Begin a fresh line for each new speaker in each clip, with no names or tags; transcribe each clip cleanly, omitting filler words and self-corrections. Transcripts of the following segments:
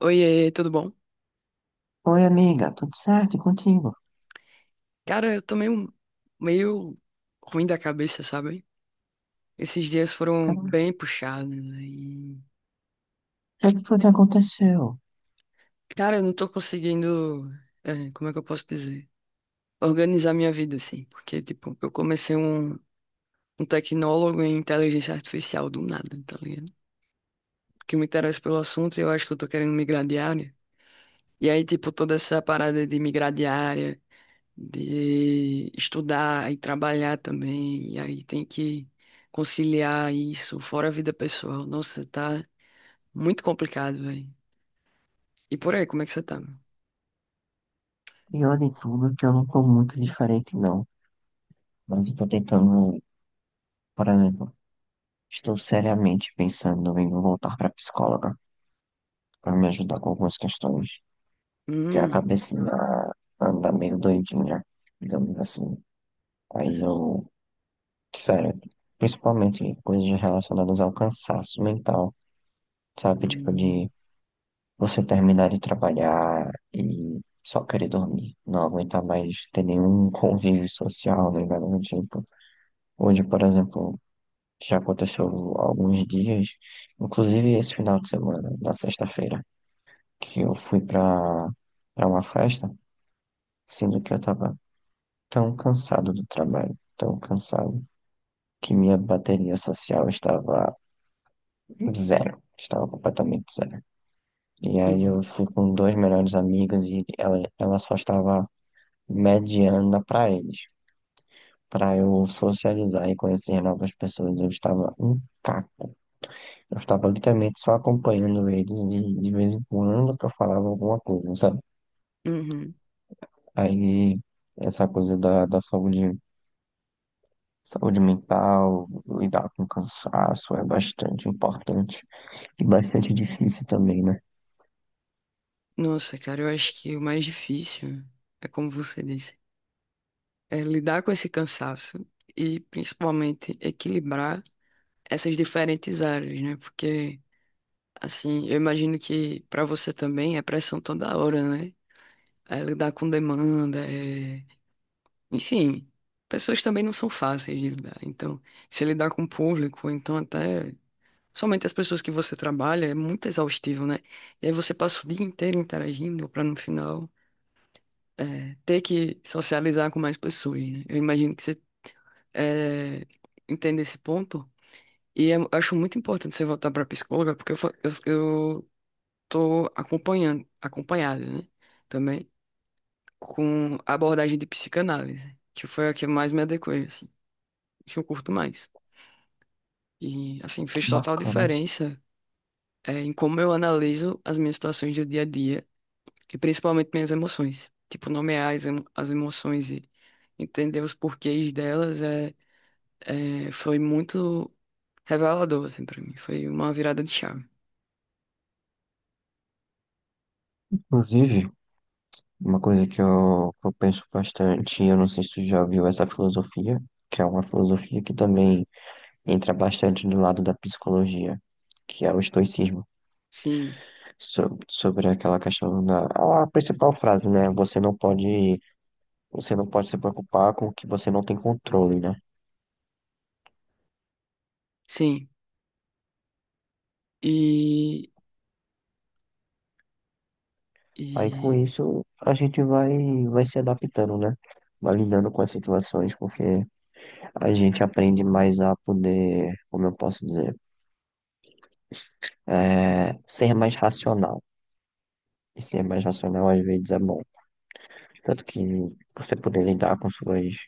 Oiê, tudo bom?
Oi, amiga, tudo certo? E contigo?
Cara, eu tô meio ruim da cabeça, sabe? Esses dias foram
Cara, o
bem puxados, né?
que é que foi que aconteceu?
Cara, eu não tô conseguindo... como é que eu posso dizer? Organizar minha vida, assim. Porque, tipo, eu comecei um tecnólogo em inteligência artificial do nada, tá ligado? Porque me interessa pelo assunto e eu acho que eu tô querendo migrar de área. E aí, tipo, toda essa parada de migrar de área de estudar e trabalhar também, e aí tem que conciliar isso, fora a vida pessoal. Nossa, tá muito complicado, velho. E por aí, como é que você tá?
Pior de tudo, é que eu não tô muito diferente, não. Mas eu tô tentando, por exemplo, estou seriamente pensando em voltar pra psicóloga pra me ajudar com algumas questões. Que a
Hum.
cabecinha anda meio doidinha, digamos assim. Aí eu, sério, principalmente coisas relacionadas ao cansaço mental, sabe? Tipo
Hum.
de você terminar de trabalhar e só querer dormir, não aguentar mais ter nenhum convívio social, nem nada do tipo. Hoje, por exemplo, já aconteceu alguns dias, inclusive esse final de semana, na sexta-feira, que eu fui pra uma festa, sendo que eu tava tão cansado do trabalho, tão cansado, que minha bateria social estava zero, estava completamente zero. E aí
Uhum.
eu fui com dois melhores amigos e ela só estava mediana para eles, para eu socializar e conhecer novas pessoas. Eu estava um caco. Eu estava literalmente só acompanhando eles e de vez em quando que eu falava alguma coisa, sabe?
Uhum.
Aí essa coisa da saúde mental, lidar com cansaço é bastante importante e bastante difícil também, né?
Nossa, cara, eu acho que o mais difícil é como você disse, é lidar com esse cansaço e principalmente equilibrar essas diferentes áreas, né? Porque assim, eu imagino que pra você também é pressão toda hora, né? É lidar com demanda, enfim, pessoas também não são fáceis de lidar. Então, se lidar com o público, ou então até somente as pessoas que você trabalha, é muito exaustivo, né? E aí você passa o dia inteiro interagindo para no final ter que socializar com mais pessoas, né? Eu imagino que você é, entende esse ponto. E eu acho muito importante você voltar para psicóloga, porque eu tô acompanhando, acompanhada, né? Também, com a abordagem de psicanálise, que foi a que eu mais me adequei, assim, que eu curto mais. E, assim,
Que
fez total
bacana.
diferença, em como eu analiso as minhas situações do dia a dia, e principalmente minhas emoções. Tipo, nomear as emoções e entender os porquês delas, foi muito revelador, assim, pra mim. Foi uma virada de chave.
Inclusive, uma coisa que eu penso bastante, eu não sei se tu já viu essa filosofia, que é uma filosofia que também entra bastante do lado da psicologia, que é o estoicismo,
Sim,
sobre aquela questão da a principal frase, né? Você não pode se preocupar com o que você não tem controle, né?
sim. E,
Aí com
e
isso a gente vai se adaptando, né? Vai lidando com as situações, porque a gente aprende mais a poder, como eu posso dizer, ser mais racional. E ser mais racional às vezes é bom. Tanto que você poder lidar com suas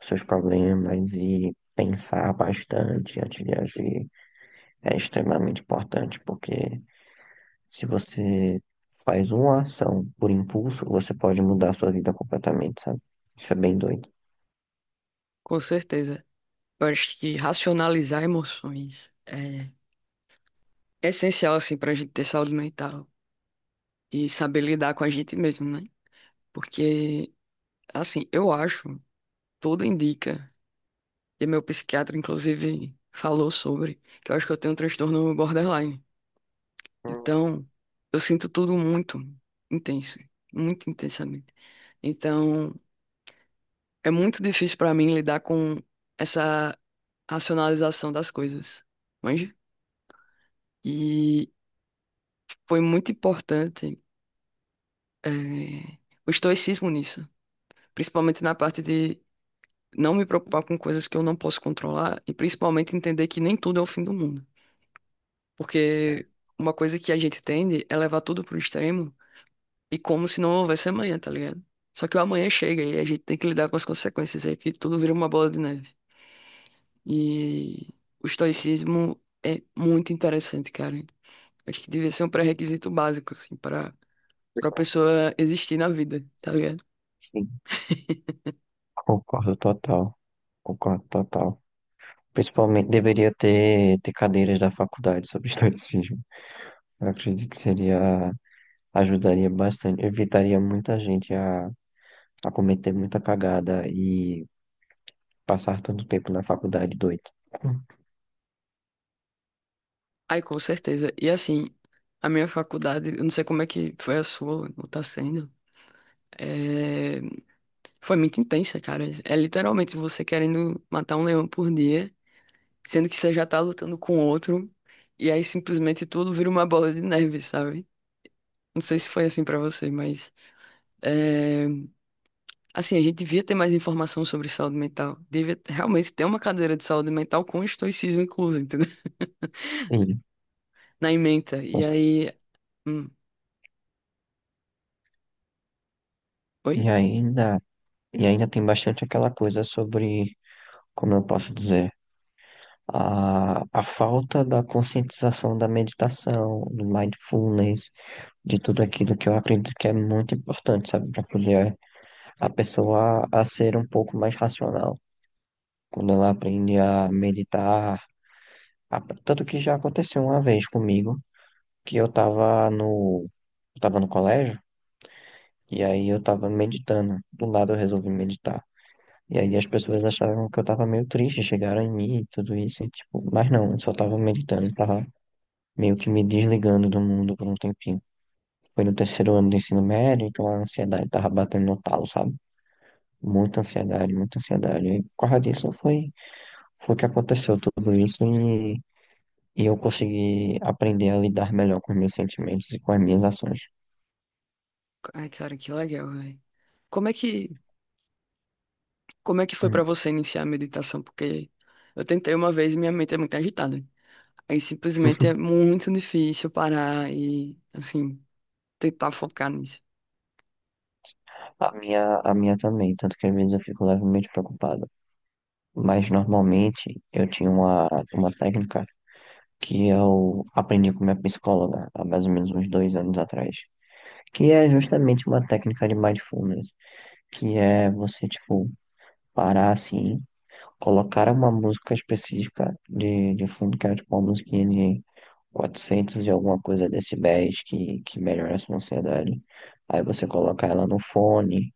seus problemas e pensar bastante antes de agir é extremamente importante, porque se você faz uma ação por impulso, você pode mudar a sua vida completamente, sabe? Isso é bem doido.
com certeza, eu acho que racionalizar emoções é essencial, assim, pra gente ter saúde mental e saber lidar com a gente mesmo, né? Porque, assim, eu acho, tudo indica, e meu psiquiatra, inclusive, falou sobre, que eu acho que eu tenho um transtorno borderline.
Hum.
Então, eu sinto tudo muito intenso, muito intensamente. Então, é muito difícil pra mim lidar com essa racionalização das coisas, manja? E foi muito importante, eh, o estoicismo nisso, principalmente na parte de não me preocupar com coisas que eu não posso controlar e principalmente entender que nem tudo é o fim do mundo.
É.
Porque uma coisa que a gente tende é levar tudo pro extremo e como se não houvesse amanhã, tá ligado? Só que o amanhã chega e a gente tem que lidar com as consequências aí, que tudo vira uma bola de neve. E o estoicismo é muito interessante, cara. Acho que devia ser um pré-requisito básico, assim, para pessoa existir na vida, tá ligado?
Sim, concordo total. Concordo total. Principalmente deveria ter cadeiras da faculdade sobre estoicismo. Eu acredito que seria, ajudaria bastante, evitaria muita gente a cometer muita cagada e passar tanto tempo na faculdade, doido.
Ai, com certeza. E assim, a minha faculdade, eu não sei como é que foi a sua, ou tá sendo, é, foi muito intensa, cara. É literalmente você querendo matar um leão por dia, sendo que você já tá lutando com outro, e aí simplesmente tudo vira uma bola de neve, sabe? Não sei
Sim.
se foi assim pra você, mas é, assim, a gente devia ter mais informação sobre saúde mental. Devia realmente ter uma cadeira de saúde mental com estoicismo incluso, entendeu?
Sim.
Na ementa. E aí. hum, Oi?
E ainda, e ainda tem bastante aquela coisa sobre, como eu posso dizer, a falta da conscientização da meditação, do mindfulness, de tudo aquilo que eu acredito que é muito importante, sabe, para poder a pessoa a ser um pouco mais racional. Quando ela aprende a meditar, tanto que já aconteceu uma vez comigo, que eu tava no colégio. E aí eu tava meditando. Do nada eu resolvi meditar. E aí as pessoas acharam que eu tava meio triste, chegaram em mim e tudo isso, e tipo, mas não, eu só tava meditando, tava meio que me desligando do mundo por um tempinho. Foi no terceiro ano do ensino médio, então a ansiedade tava batendo no talo, sabe? Muita ansiedade, muita ansiedade. E por causa disso foi, que aconteceu tudo isso e eu consegui aprender a lidar melhor com os meus sentimentos e com as minhas ações.
Ai, cara, que legal, velho. Como é que, como é que foi pra
Hum.
você iniciar a meditação? Porque eu tentei uma vez e minha mente é muito agitada. Aí simplesmente é muito difícil parar e, assim, tentar focar nisso.
A minha também, tanto que às vezes eu fico levemente preocupado. Mas normalmente eu tinha uma técnica que eu aprendi com minha psicóloga há mais ou menos uns 2 anos atrás, que é justamente uma técnica de mindfulness, que é você, tipo, parar assim, colocar uma música específica de fundo, que é tipo uma musiquinha de 400 e alguma coisa decibéis que melhora a sua ansiedade. Aí você coloca ela no fone,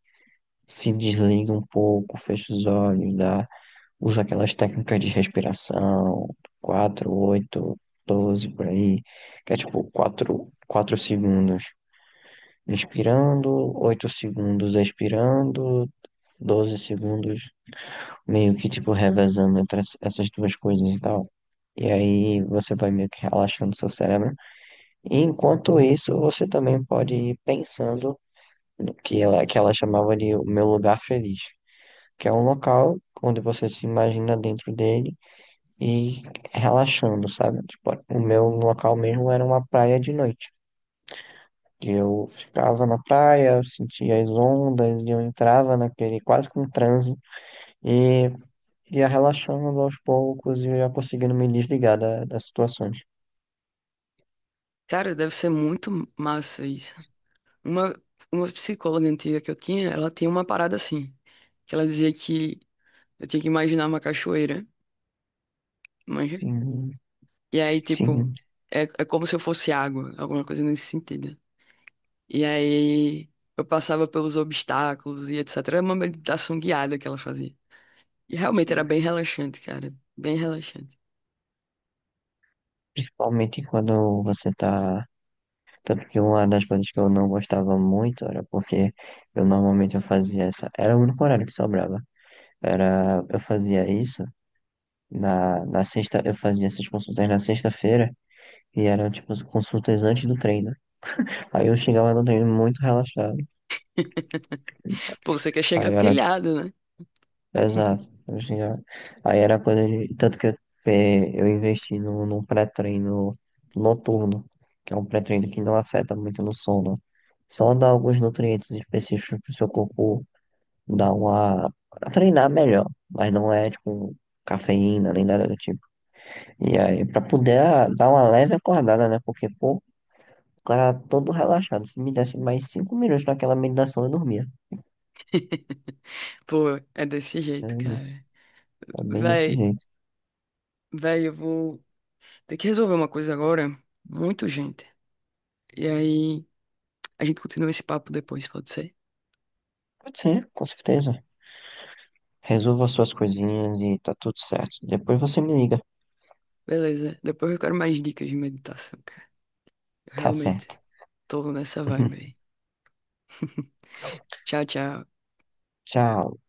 se desliga um pouco, fecha os olhos, dá Uso aquelas técnicas de respiração, 4 8 12 por aí, que é tipo quatro segundos inspirando, 8 segundos expirando, 12 segundos meio que tipo revezando entre essas duas coisas e tal. E aí você vai meio que relaxando seu cérebro. E enquanto isso, você também pode ir pensando no que ela chamava de o meu lugar feliz, que é um local onde você se imagina dentro dele e relaxando, sabe? Tipo, o meu local mesmo era uma praia de noite. E eu ficava na praia, eu sentia as ondas, e eu entrava naquele quase com transe e ia relaxando aos poucos e ia conseguindo me desligar das situações.
Cara, deve ser muito massa isso. Uma, uma psicóloga antiga que eu tinha, ela tinha uma parada assim, que ela dizia que eu tinha que imaginar uma cachoeira, manja?
Sim,
E aí, tipo,
sim,
é como se eu fosse água, alguma coisa nesse sentido. E aí eu passava pelos obstáculos e etc. Era uma meditação guiada que ela fazia. E realmente era
sim.
bem relaxante, cara. Bem relaxante.
Principalmente quando você tá. Tanto que uma das coisas que eu não gostava muito era porque eu normalmente eu fazia essa. Era o único horário que sobrava. Era, eu fazia isso. Na sexta, eu fazia essas consultas na sexta-feira e eram tipo as consultas antes do treino. Aí eu chegava no treino muito relaxado.
Pô, você quer
Aí
chegar
era tipo,
pilhado, né?
exato. Eu chegava- Aí era coisa de. Tanto que eu, eu investi num pré-treino noturno, que é um pré-treino que não afeta muito no sono. Só dá alguns nutrientes específicos pro seu corpo dar uma. Treinar melhor. Mas não é tipo cafeína nem nada do tipo. E aí, pra poder dar uma leve acordada, né? Porque, pô, o cara todo relaxado. Se me desse mais 5 minutos naquela meditação, eu dormia.
Pô, é desse
É
jeito,
isso.
cara.
É bem desse
Véi,
jeito.
véi, eu vou ter que resolver uma coisa agora. Muito gente. E aí a gente continua esse papo depois, pode ser?
Pode ser, com certeza. Resolva suas coisinhas e tá tudo certo. Depois você me liga.
Beleza. Depois eu quero mais dicas de meditação, cara. Eu
Tá
realmente
certo.
tô nessa vibe aí. Tchau, tchau.
Tchau.